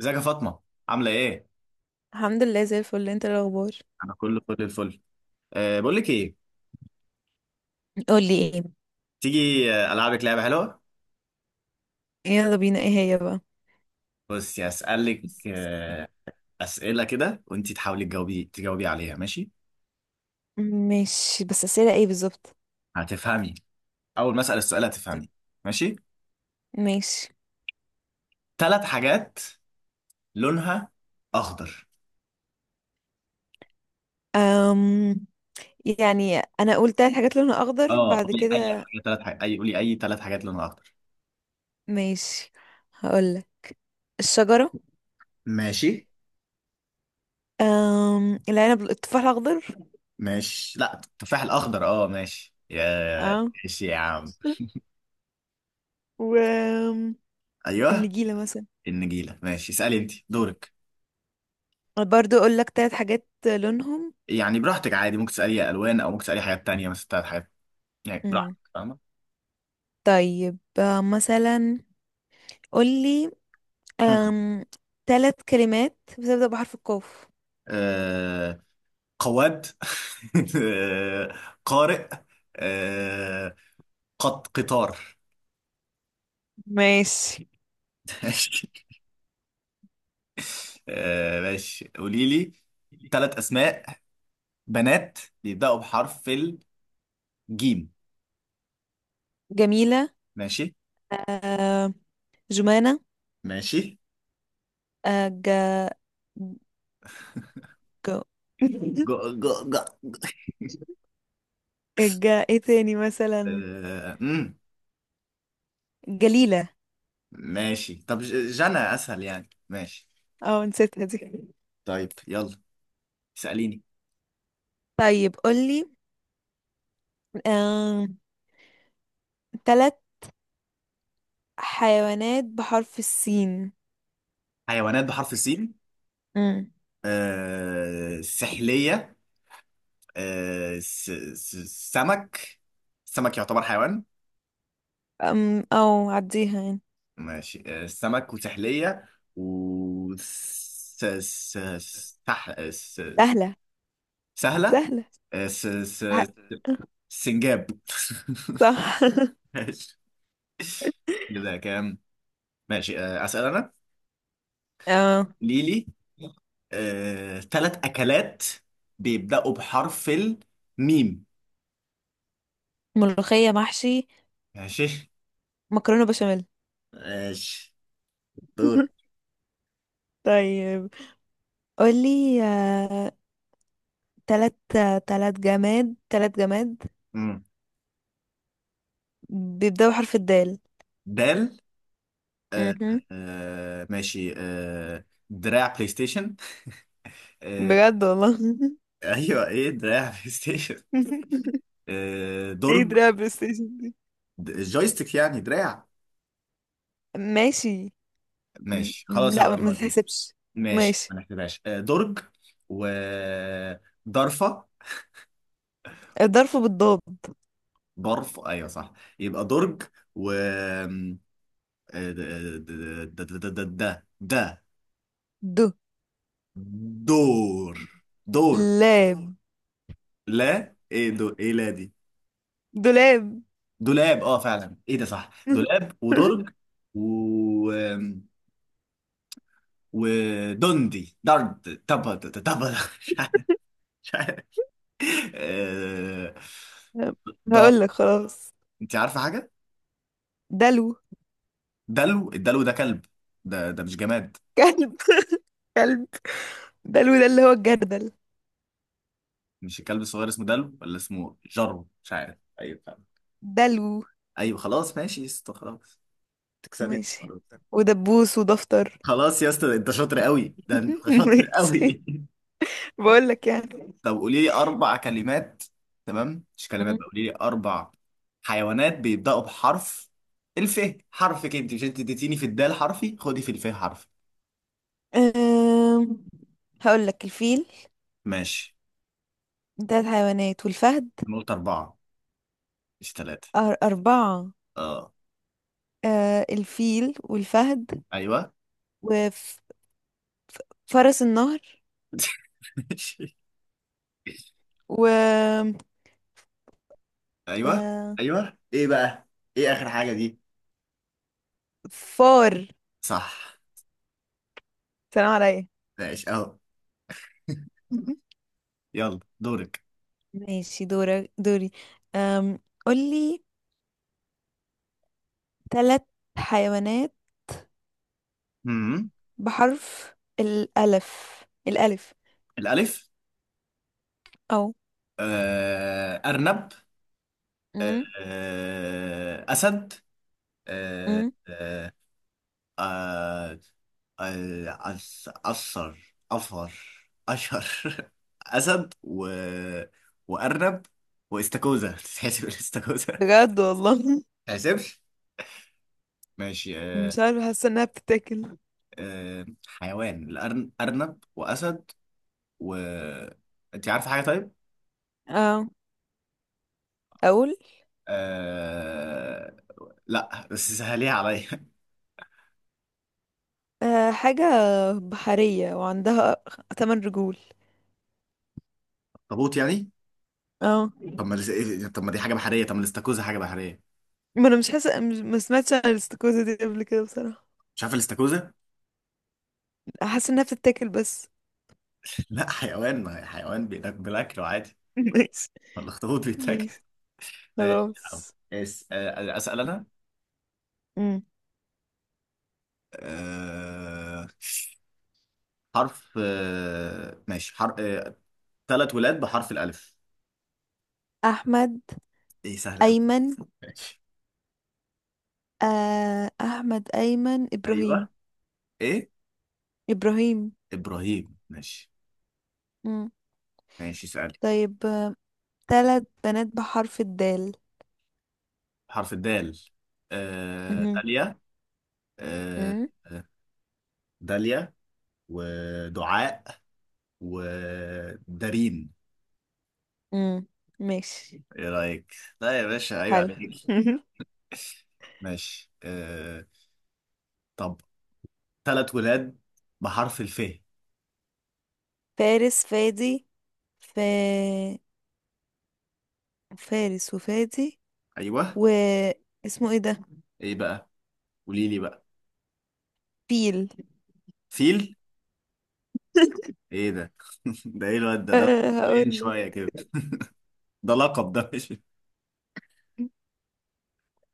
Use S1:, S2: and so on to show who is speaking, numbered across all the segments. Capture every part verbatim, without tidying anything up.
S1: ازيك يا فاطمه؟ عامله ايه؟
S2: الحمد لله زي الفل. انت ايه الاخبار؟
S1: انا كله فل الفل. أه بقول لك ايه؟
S2: قولي ايه.
S1: تيجي؟ آه، العبك لعبه حلوه.
S2: يلا بينا، ايه هي بقى؟
S1: بصي هسالك أه اسئله كده وانت تحاولي تجاوبي تجاوبي عليها، ماشي؟
S2: ماشي، بس اسئله ايه بالظبط؟
S1: هتفهمي. اول ما اسال السؤال هتفهمي. ماشي؟
S2: ماشي.
S1: ثلاث حاجات لونها اخضر.
S2: أم يعني انا قلت الحاجات لونها اخضر
S1: اه،
S2: بعد
S1: قولي اي
S2: كده؟
S1: حاجه ثلاث حاجات اي قولي اي ثلاث حاجات لونها اخضر.
S2: ماشي، هقول الشجره،
S1: ماشي.
S2: أم العنب، التفاح الاخضر.
S1: ماشي، لا التفاح الاخضر اه، ماشي يا.
S2: اه،
S1: ماشي يا عم.
S2: و أم،
S1: ايوه.
S2: النجيله مثلا.
S1: النجيله، ماشي، اسالي، انت دورك.
S2: برضو اقول لك ثلاث حاجات لونهم.
S1: يعني براحتك، عادي ممكن تسألي ألوان أو ممكن تسألي حاجات تانية، مثلا بتاعت حاجات. يعني
S2: مم.
S1: براحتك، فاهمة؟
S2: طيب، آه، مثلا قول لي
S1: مم.
S2: ثلاث كلمات بتبدأ بحرف القاف.
S1: آه، قواد. آه، قارئ. آه، قط قطار.
S2: ماشي،
S1: ماشي. آه، ماشي، قولي لي ثلاث أسماء بنات بيبدأوا بحرف الجيم.
S2: جميلة،
S1: ماشي.
S2: آه، جمانة،
S1: ماشي.
S2: آه، ج... ج...
S1: جو جو جو.
S2: ج... ايه تاني مثلا؟
S1: آه، مم.
S2: جليلة.
S1: ماشي، طب ج- جنى أسهل يعني. ماشي.
S2: اه، نسيتها دي.
S1: طيب يلا، اسأليني.
S2: طيب قولي، آه... تلات حيوانات بحرف السين.
S1: حيوانات بحرف السين.
S2: امم
S1: آه، سحلية. آه، س- س- سمك. سمك يعتبر حيوان؟
S2: أم... او عديها يعني.
S1: ماشي. آه، سمك وسحلية. و س- س- س- سح... س- س-
S2: سهلة
S1: سهلة.
S2: سهلة
S1: آه، س... س...
S2: ح-
S1: سنجاب.
S2: صح.
S1: ماشي. ده كام؟ ماشي. آه، أسأل أنا.
S2: آه...
S1: ليلي، آه، تلات أكلات بيبدأوا بحرف الميم.
S2: ملوخية محشي،
S1: ماشي.
S2: مكرونة بشاميل.
S1: ماشي. دور.
S2: طيب قولي آه... تلات تلات جماد تلات جماد
S1: مم.
S2: بيبدأوا بحرف الدال.
S1: دال. آه،
S2: مهم.
S1: آه، ماشي، آه، دراع بلاي ستيشن. آه.
S2: بجد والله.
S1: ايوه، ايه دراع، بلاي ستيشن. آه،
S2: ايه
S1: درج.
S2: دراع بلاي ستيشن دي؟
S1: د- جويستيك يعني دراع.
S2: ماشي. م-
S1: ماشي
S2: م-
S1: خلاص،
S2: لا، ما
S1: هغيرها لك.
S2: تحسبش.
S1: ماشي،
S2: ماشي.
S1: ما نحسبهاش. آه، درج. و ضرفة.
S2: الظرف بالضاد.
S1: برف، ايوه صح. يبقى درج. و آه، د- د- د- د- د- د- د-
S2: د
S1: دور دور.
S2: لاب،
S1: لا ايه، دور، ايه، لا، دي
S2: دولاب.
S1: دولاب. اه فعلا، ايه ده، صح، دولاب ودرج. و ودندي درد، طب طب. مش عارف. مش عارف. آه، ضر.
S2: هقول لك خلاص،
S1: انت عارفه حاجه؟
S2: دلو.
S1: دلو. الدلو ده كلب؟ ده ده مش جماد.
S2: كلب؟ كلب! دلو ده اللي هو الجردل.
S1: مش الكلب الصغير اسمه دلو؟ ولا اسمه جرو؟ مش عارف. ايوه فعلا.
S2: دلو.
S1: ايوه خلاص، ماشي يا اسطى، خلاص. تكسبت.
S2: ماشي. ودبوس، ودفتر.
S1: خلاص يا اسطى، انت شاطر قوي، ده انت شاطر
S2: ماشي.
S1: قوي.
S2: بقول لك يعني.
S1: طب قولي لي اربع كلمات. تمام، مش كلمات
S2: مم.
S1: بقى، قولي لي اربع حيوانات بيبداوا بحرف الف. حرف كده، انت، مش انت اديتيني في الدال حرفي، خدي في الف حرف.
S2: أم... هقول لك الفيل،
S1: ماشي.
S2: تلات حيوانات، والفهد.
S1: انا قلت اربعه، مش ثلاثه.
S2: أر- أربعة.
S1: اه.
S2: آه، الفيل، والفهد،
S1: ايوه.
S2: وفرس النهر.
S1: ماشي.
S2: و
S1: ايوه.
S2: و-
S1: ايوه، ايه بقى؟ ايه اخر حاجه دي؟
S2: فار.
S1: صح.
S2: سلام عليا.
S1: ماشي اهو. يلا دورك.
S2: ماشي، دورك. دوري؟ أم قولي تلات حيوانات
S1: امم
S2: بحرف الألف الألف
S1: الالف.
S2: أو،
S1: آه، ارنب. آه،
S2: أم،
S1: آه، اسد. آه،
S2: أم.
S1: آه. آه، آه، أس- أثر أفر أشهر. أسد و، وأرنب، واستاكوزا. تتحسب الاستاكوزا؟
S2: بجد والله.
S1: تحسبش. ماشي. آه،
S2: مش عارفة، حاسة إنها بتتاكل.
S1: آه، حيوان الأرن... أرنب وأسد. و أنت عارفة حاجة طيب؟
S2: اه أقول،
S1: أه... لا بس سهليها عليا.
S2: أه حاجة بحرية وعندها تمن رجول.
S1: اخطبوط يعني؟
S2: اه.
S1: طب ما الاس- طب ما دي حاجة بحرية، طب ما الاستاكوزا حاجة بحرية.
S2: ما انا مش حاسه مش- ما سمعتش عن الاستاكوزا دي قبل كده بصراحه.
S1: مش عارف الاستاكوزا؟
S2: حاسه انها بتتاكل بس.
S1: لا حيوان، ما هي حيوان بيتاكل بالأكل عادي.
S2: ماشي.
S1: ما الاخطبوط بيتاكل.
S2: ماشي
S1: ماشي يا عم.
S2: خلاص.
S1: اس آه، اسال انا.
S2: مم.
S1: أه... حرف، أه... ماشي، حرف أه... ثلاث ولاد بحرف الالف.
S2: احمد،
S1: ايه سهل قوي.
S2: ايمن.
S1: ماشي.
S2: آه، احمد، ايمن، ابراهيم.
S1: ايوه. ايه.
S2: ابراهيم.
S1: ابراهيم، ماشي.
S2: مم.
S1: ماشي، سألي.
S2: طيب، آه، تلات بنات بحرف الدال.
S1: حرف الدال. آه...
S2: مهم.
S1: داليا. آه...
S2: مم.
S1: آه، داليا ودعاء ودارين.
S2: مم. ماشي.
S1: ايه رايك؟ لا يا باشا، عيب
S2: حلو.
S1: عليك. ماشي. آه... طب ثلاث ولاد بحرف الف.
S2: فارس، فادي. ف... فارس، وفادي،
S1: ايوه.
S2: و اسمه ايه ده؟
S1: ايه بقى؟ قولي لي بقى.
S2: فيل؟
S1: فيل؟ ايه ده؟ ده ايه الواد ده ده
S2: أه
S1: حاليا
S2: هقول لك.
S1: شويه كده. ده لقب، ده مش.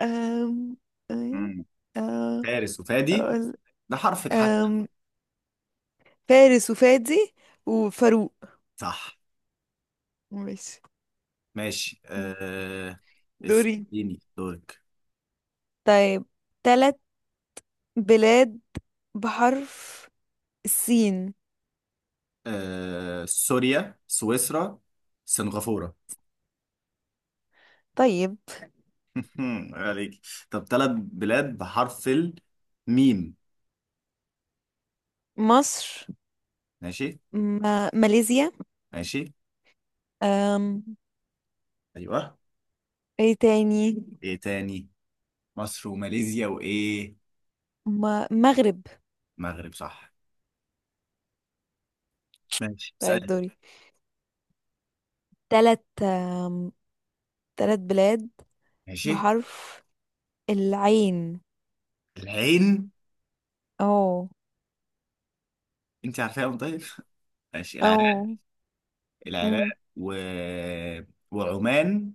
S2: أم... أي-
S1: مم.
S2: أه...
S1: فارس وفادي.
S2: أقول-
S1: ده حرفك حتى.
S2: أم... فارس، وفادي، وفاروق.
S1: صح.
S2: ماشي.
S1: ماشي.
S2: م.
S1: آه...
S2: دوري.
S1: اديني دورك.
S2: طيب، ثلاث بلاد بحرف السين.
S1: آه... سوريا، سويسرا، سنغافورة.
S2: طيب،
S1: عليك. طب ثلاث بلاد بحرف الميم.
S2: مصر،
S1: ماشي.
S2: ما... ماليزيا،
S1: ماشي.
S2: أم...
S1: ايوه،
S2: ايه تاني؟
S1: ايه تاني؟ مصر وماليزيا وايه؟
S2: ما... مغرب.
S1: مغرب، صح. ماشي،
S2: طيب
S1: اسألي.
S2: دوري، ثلاث، أم... ثلاث بلاد
S1: ماشي.
S2: بحرف العين.
S1: العين.
S2: او،
S1: انت عارفاهم طيب؟ ماشي. العراق.
S2: او.
S1: العراق.
S2: مم.
S1: و، وعمان،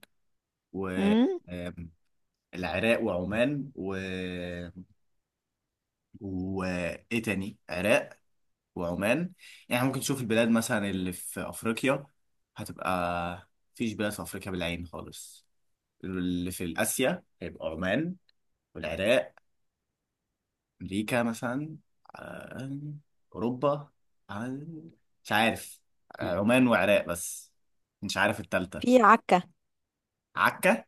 S1: و
S2: مم.
S1: آم، العراق وعمان و، وايه تاني؟ عراق وعمان. يعني ممكن تشوف البلاد مثلا اللي في افريقيا هتبقى. مفيش بلاد في افريقيا بالعين خالص. اللي في اسيا هيبقى عمان والعراق. امريكا مثلا، آم، اوروبا، آم، مش عارف. آه، عمان وعراق بس، مش عارف التالتة.
S2: في عكا.
S1: عكا؟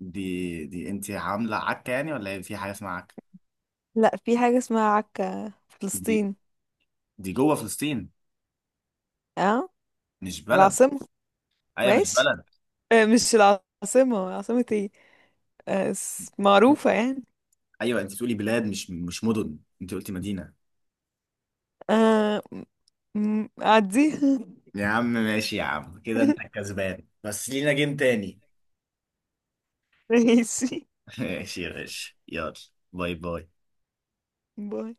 S1: دي دي انت عامله عكه يعني ولا هي في حاجه اسمها عكه؟
S2: لا، في حاجة اسمها عكا في
S1: دي،
S2: فلسطين.
S1: دي جوه فلسطين؟
S2: اه.
S1: مش بلد.
S2: العاصمة.
S1: ايوه، مش
S2: ماشي.
S1: بلد.
S2: آه، مش العاصمة، عاصمة ايه، آه، اس- معروفة يعني.
S1: ايوه، انت بتقولي بلاد، مش مش مدن، انت قلتي مدينه.
S2: آه، م- م- عديها.
S1: يا عم، ماشي يا عم، كده انت كسبان بس لينا جيم تاني.
S2: ماشي.
S1: ماشي يا باشا، يلا. باي باي.
S2: باي.